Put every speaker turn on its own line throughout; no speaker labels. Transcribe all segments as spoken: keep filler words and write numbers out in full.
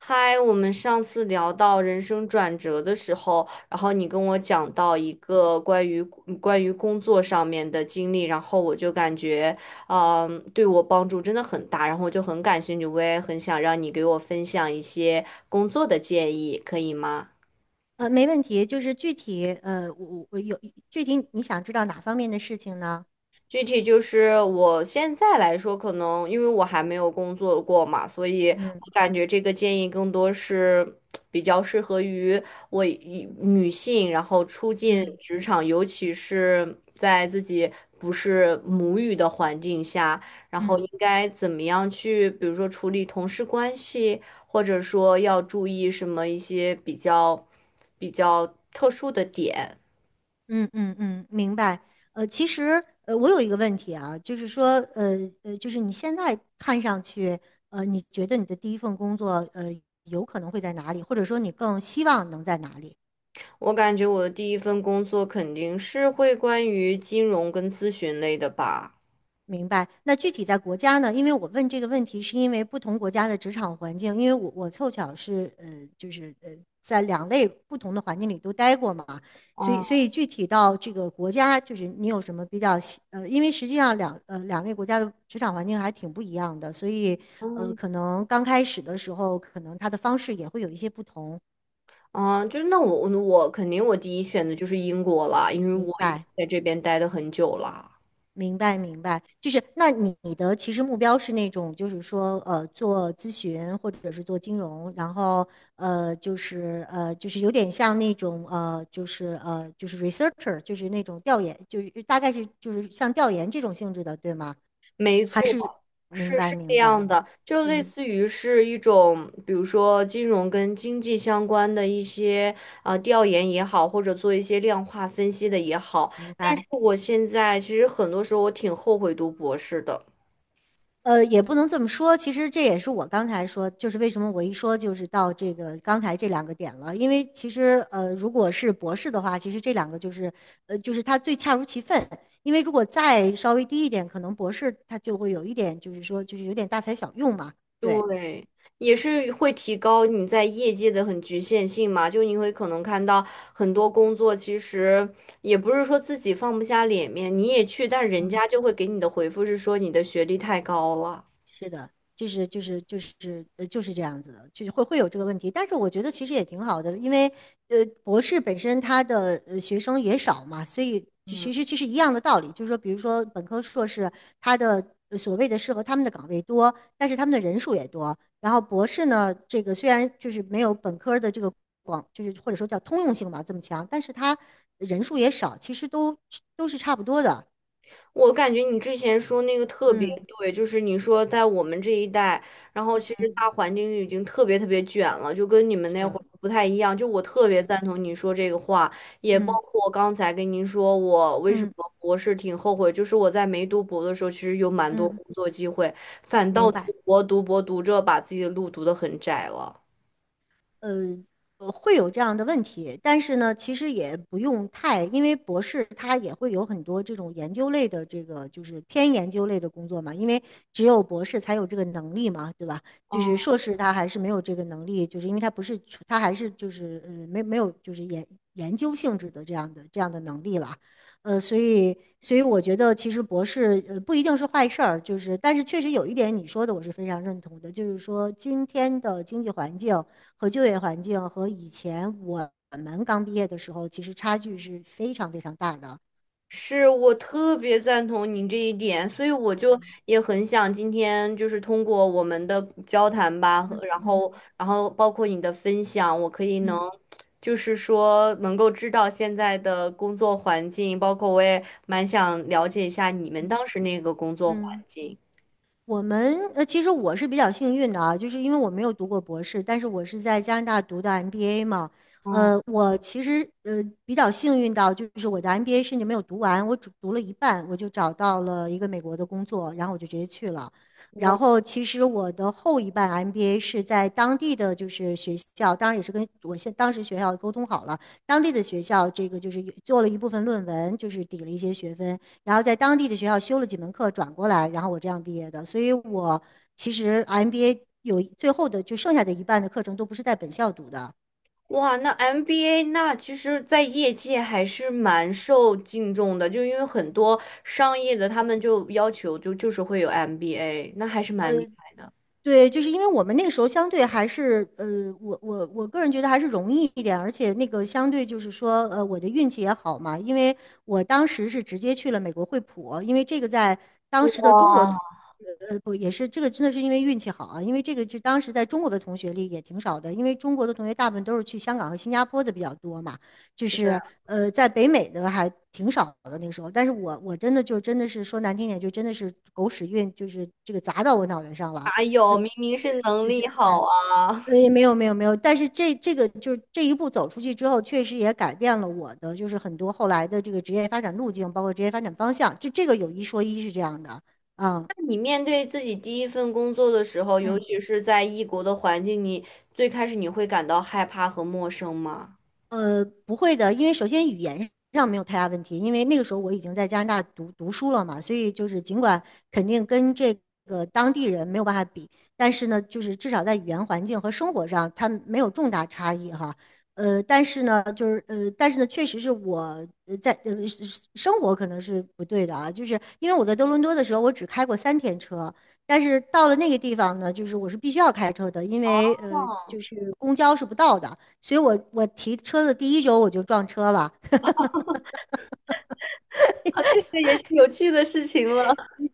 嗨，我们上次聊到人生转折的时候，然后你跟我讲到一个关于关于工作上面的经历，然后我就感觉，嗯，对我帮助真的很大，然后我就很感兴趣，我也很想让你给我分享一些工作的建议，可以吗？
呃，没问题。就是具体，呃，我我我有具体你想知道哪方面的事情呢？
具体就是我现在来说，可能因为我还没有工作过嘛，所以我
嗯
感觉这个建议更多是比较适合于我一女性，然后初进
嗯
职场，尤其是在自己不是母语的环境下，然后
嗯
应该怎么样去，比如说处理同事关系，或者说要注意什么一些比较比较特殊的点。
嗯嗯嗯，明白。呃，其实，呃，我有一个问题啊，就是说，呃呃，就是你现在看上去，呃，你觉得你的第一份工作，呃，有可能会在哪里，或者说你更希望能在哪里？
我感觉我的第一份工作肯定是会关于金融跟咨询类的吧。
明白。那具体在国家呢？因为我问这个问题，是因为不同国家的职场环境，因为我我凑巧是呃，就是呃，在两类不同的环境里都待过嘛，所以
哦，
所以具体到这个国家，就是你有什么比较喜呃，因为实际上两呃两类国家的职场环境还挺不一样的，所以呃，
嗯，
可能刚开始的时候，可能它的方式也会有一些不同。
啊，就是那我我我肯定我第一选的就是英国了，因为
明
我已经
白。
在这边待的很久了。
明白，明白，就是那你的其实目标是那种，就是说，呃，做咨询或者是做金融，然后呃，就是呃，就是有点像那种呃，就是呃，就是 researcher,就是那种调研，就是大概是就是像调研这种性质的，对吗？
没
还
错，
是明
是
白，
是这
明白，
样的，就类
嗯，
似于是一种，比如说金融跟经济相关的一些啊、呃调研也好，或者做一些量化分析的也好。
明
但是
白。
我现在其实很多时候我挺后悔读博士的。
呃，也不能这么说。其实这也是我刚才说，就是为什么我一说就是到这个刚才这两个点了。因为其实呃，如果是博士的话，其实这两个就是呃，就是他最恰如其分。因为如果再稍微低一点，可能博士他就会有一点，就是说就是有点大材小用嘛。对，
对，也是会提高你在业界的很局限性嘛，就你会可能看到很多工作，其实也不是说自己放不下脸面，你也去，但人家就会给你的回复是说你的学历太高了。
是的，就是就是就是呃就是这样子的，就是会会有这个问题。但是我觉得其实也挺好的，因为呃博士本身他的呃学生也少嘛，所以其其实其实一样的道理，就是说比如说本科硕士他的。呃所谓的适合他们的岗位多，但是他们的人数也多。然后博士呢，这个虽然就是没有本科的这个广，就是或者说叫通用性吧这么强，但是他人数也少，其实都都是差不多的。
我感觉你之前说那个特别
嗯
对，就是你说在我们这一代，然后其实大
嗯，
环境已经特别特别卷了，就跟你们
是
那会
的，
儿不太一样。就我特
是
别
的，
赞同你说这个话，也包
嗯
括我刚才跟您说我为什
嗯
么博士挺后悔，就是我在没读博的时候，其实有蛮多
嗯。
工作机会，反倒
明
读
白。
博读博读着把自己的路读得很窄了。
呃，呃会有这样的问题，但是呢，其实也不用太，因为博士他也会有很多这种研究类的这个就是偏研究类的工作嘛，因为只有博士才有这个能力嘛，对吧？就是
嗯。
硕士他还是没有这个能力，就是因为他不是他还是就是呃没没有就是研研究性质的这样的这样的能力了，呃，所以所以我觉得其实博士呃不一定是坏事儿，就是但是确实有一点你说的我是非常认同的，就是说今天的经济环境和就业环境和以前我们刚毕业的时候，其实差距是非常非常大的。
是我特别赞同你这一点，所以我就
嗯
也很想今天就是通过我们的交谈吧，和然后然后包括你的分享，我可以能
嗯
就是说能够知道现在的工作环境，包括我也蛮想了解一下你们
嗯。
当时那个工作环
嗯，
境。
我们呃，其实我是比较幸运的啊，就是因为我没有读过博士，但是我是在加拿大读的 M B A 嘛。
嗯，
呃，我其实呃比较幸运到，就是我的 M B A 甚至没有读完，我只读了一半，我就找到了一个美国的工作，然后我就直接去了。然
我。
后其实我的后一半 M B A 是在当地的就是学校，当然也是跟我现当时学校沟通好了，当地的学校这个就是有做了一部分论文，就是抵了一些学分，然后在当地的学校修了几门课，转过来，然后我这样毕业的。所以我其实 M B A 有最后的就剩下的一半的课程都不是在本校读的。
哇，那 M B A 那其实，在业界还是蛮受敬重的，就因为很多商业的他们就要求就就是会有 M B A，那还是
呃，
蛮厉害的。
对，就是因为我们那个时候相对还是，呃，我我我个人觉得还是容易一点，而且那个相对就是说，呃，我的运气也好嘛，因为我当时是直接去了美国惠普，因为这个在当时的中国
哇，
同呃，不也是这个真的是因为运气好啊，因为这个是当时在中国的同学里也挺少的，因为中国的同学大部分都是去香港和新加坡的比较多嘛，就
是，
是呃，在北美的还挺少的那个时候，但是我我真的就真的是说难听点，就真的是狗屎运，就是这个砸到我脑袋上了。
哪有？明明是能
就就。
力好啊！
呃，也没有没有没有，但是这这个就是这一步走出去之后，确实也改变了我的就是很多后来的这个职业发展路径，包括职业发展方向。这这个有一说一是这样的。嗯，
那你面对自己第一份工作的时候，尤其是在异国的环境，你最开始你会感到害怕和陌生吗？
呃，不会的，因为首先语言上没有太大问题，因为那个时候我已经在加拿大读读书了嘛，所以就是尽管肯定跟这个当地人没有办法比，但是呢，就是至少在语言环境和生活上，它没有重大差异哈。呃，但是呢，就是呃，但是呢，确实是我呃在呃是生活可能是不对的啊，就是因为我在多伦多的时候，我只开过三天车，但是到了那个地方呢，就是我是必须要开车的，因为呃
哦，
公交是不到的，所以我我提车的第一周我就撞车了，
啊，这个也是有趣的事情了。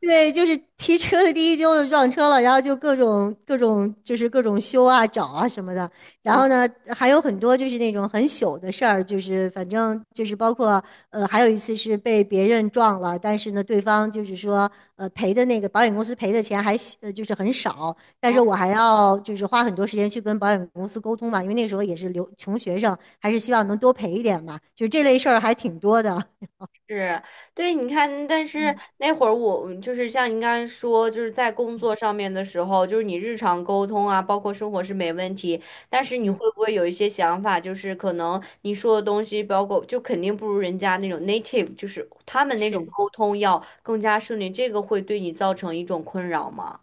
对，就是提车的第一周就撞车了，然后就各种各种就是各种修啊、找啊什么的。然
嗯
后呢，还有很多就是那种很糗的事儿，就是反正就是包括呃，还有一次是被别人撞了，但是呢，对方就是说呃赔的那个保险公司赔的钱还呃就是很少，但是我还要就是花很多时间去跟保险公司沟通嘛，因为那时候也是留穷学生，还是希望能多赔一点嘛，就是这类事儿还挺多的。
是，对，你看，但是
嗯
那会儿我就是像您刚才说，就是在工作上面的时候，就是你日常沟通啊，包括生活是没问题，但是你会
嗯，
不会有一些想法，就是可能你说的东西，包括就肯定不如人家那种 native，就是他们那种
是。
沟通要更加顺利，这个会对你造成一种困扰吗？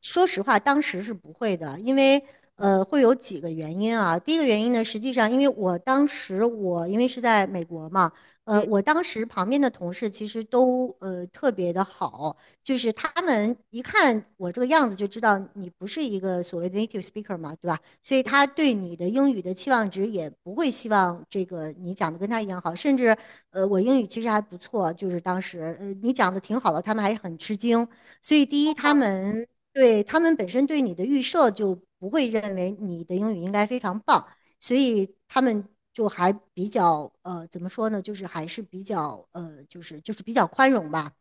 说实话，当时是不会的，因为呃，会有几个原因啊。第一个原因呢，实际上因为我当时我因为是在美国嘛，呃，
嗯。
我当时旁边的同事其实都呃特别的好，就是他们一看我这个样子就知道你不是一个所谓的 native speaker 嘛，对吧？所以他对你的英语的期望值也不会希望这个你讲的跟他一样好，甚至呃，我英语其实还不错，就是当时呃你讲的挺好的，他们还是很吃惊。所以第一，他们对，他们本身对你的预设就不会认为你的英语应该非常棒，所以他们就还比较呃，怎么说呢，就是还是比较呃，就是就是比较宽容吧。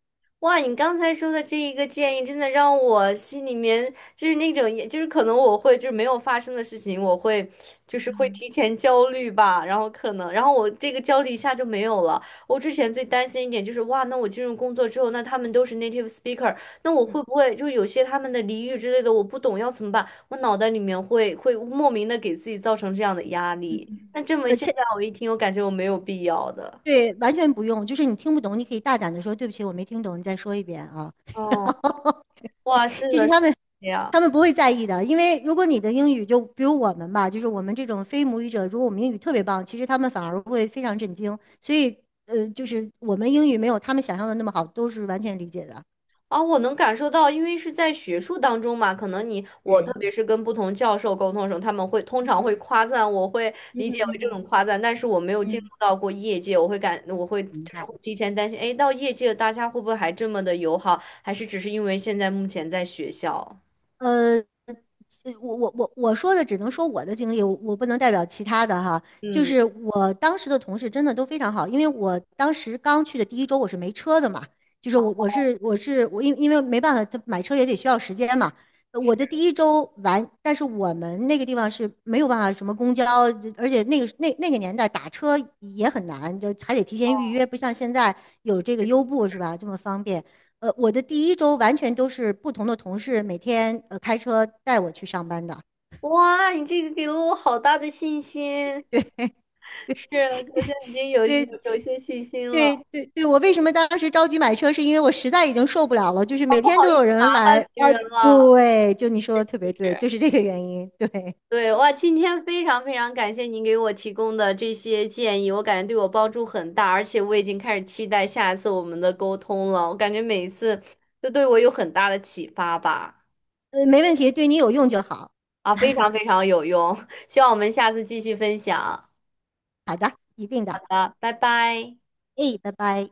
哇，你刚才说的这一个建议，真的让我心里面就是那种，也就是可能我会就是没有发生的事情，我会就是会提前焦虑吧，然后可能，然后我这个焦虑一下就没有了。我之前最担心一点就是，哇，那我进入工作之后，那他们都是 native speaker，那我会
嗯，
不会就有些他们的俚语之类的我不懂要怎么办？我脑袋里面会会莫名的给自己造成这样的压力。那这么
而
现
且
在我一听，我感觉我没有必要的。
对，完全不用，就是你听不懂，你可以大胆的说对不起，我没听懂，你再说一遍啊。
哦，哇，是
其
的，
实
是
他们
这样。
他们不会在意的，因为如果你的英语就比如我们吧，就是我们这种非母语者，如果我们英语特别棒，其实他们反而会非常震惊。所以呃，就是我们英语没有他们想象的那么好，都是完全理解的。
啊，我能感受到，因为是在学术当中嘛，可能你我特
对，
别是跟不同教授沟通的时候，他们会通常
嗯
会夸赞，我会
嗯
理解
嗯
为
嗯
这种
嗯
夸赞，但是我没有进入
嗯，
到过业界，我会感我会
明
就是
白。
会提前担心，哎，到业界大家会不会还这么的友好，还是只是因为现在目前在学校？
呃，所以我我我我说的只能说我的经历，我我不能代表其他的哈。就
嗯，
是我当时的同事真的都非常好，因为我当时刚去的第一周我是没车的嘛，就是我我是我是我因因为没办法，他买车也得需要时间嘛。呃我的第一周完，但是我们那个地方是没有办法什么公交，而且那个那那个年代打车也很难，就还得提前预约，不像现在有这个优步是吧，这么方便。呃，我的第一周完全都是不同的同事每天呃开车带我去上班的。
哇，你这个给了我好大的信心，是，我现在已经有
对
有有一些信心了，麻
对对对，我为什么当时着急买车，是因为我实在已经受不了了，就是每天都有人来。
烦别
啊，
人了。
对，就你说的特别对，就是这个原因。对，
对，哇，今天非常非常感谢您给我提供的这些建议，我感觉对我帮助很大，而且我已经开始期待下一次我们的沟通了。我感觉每一次都对我有很大的启发吧，
呃，没问题，对你有用就好。
啊，非常非常有用，希望我们下次继续分享。
好的，一定
好
的。
的，拜拜。
哎，拜拜。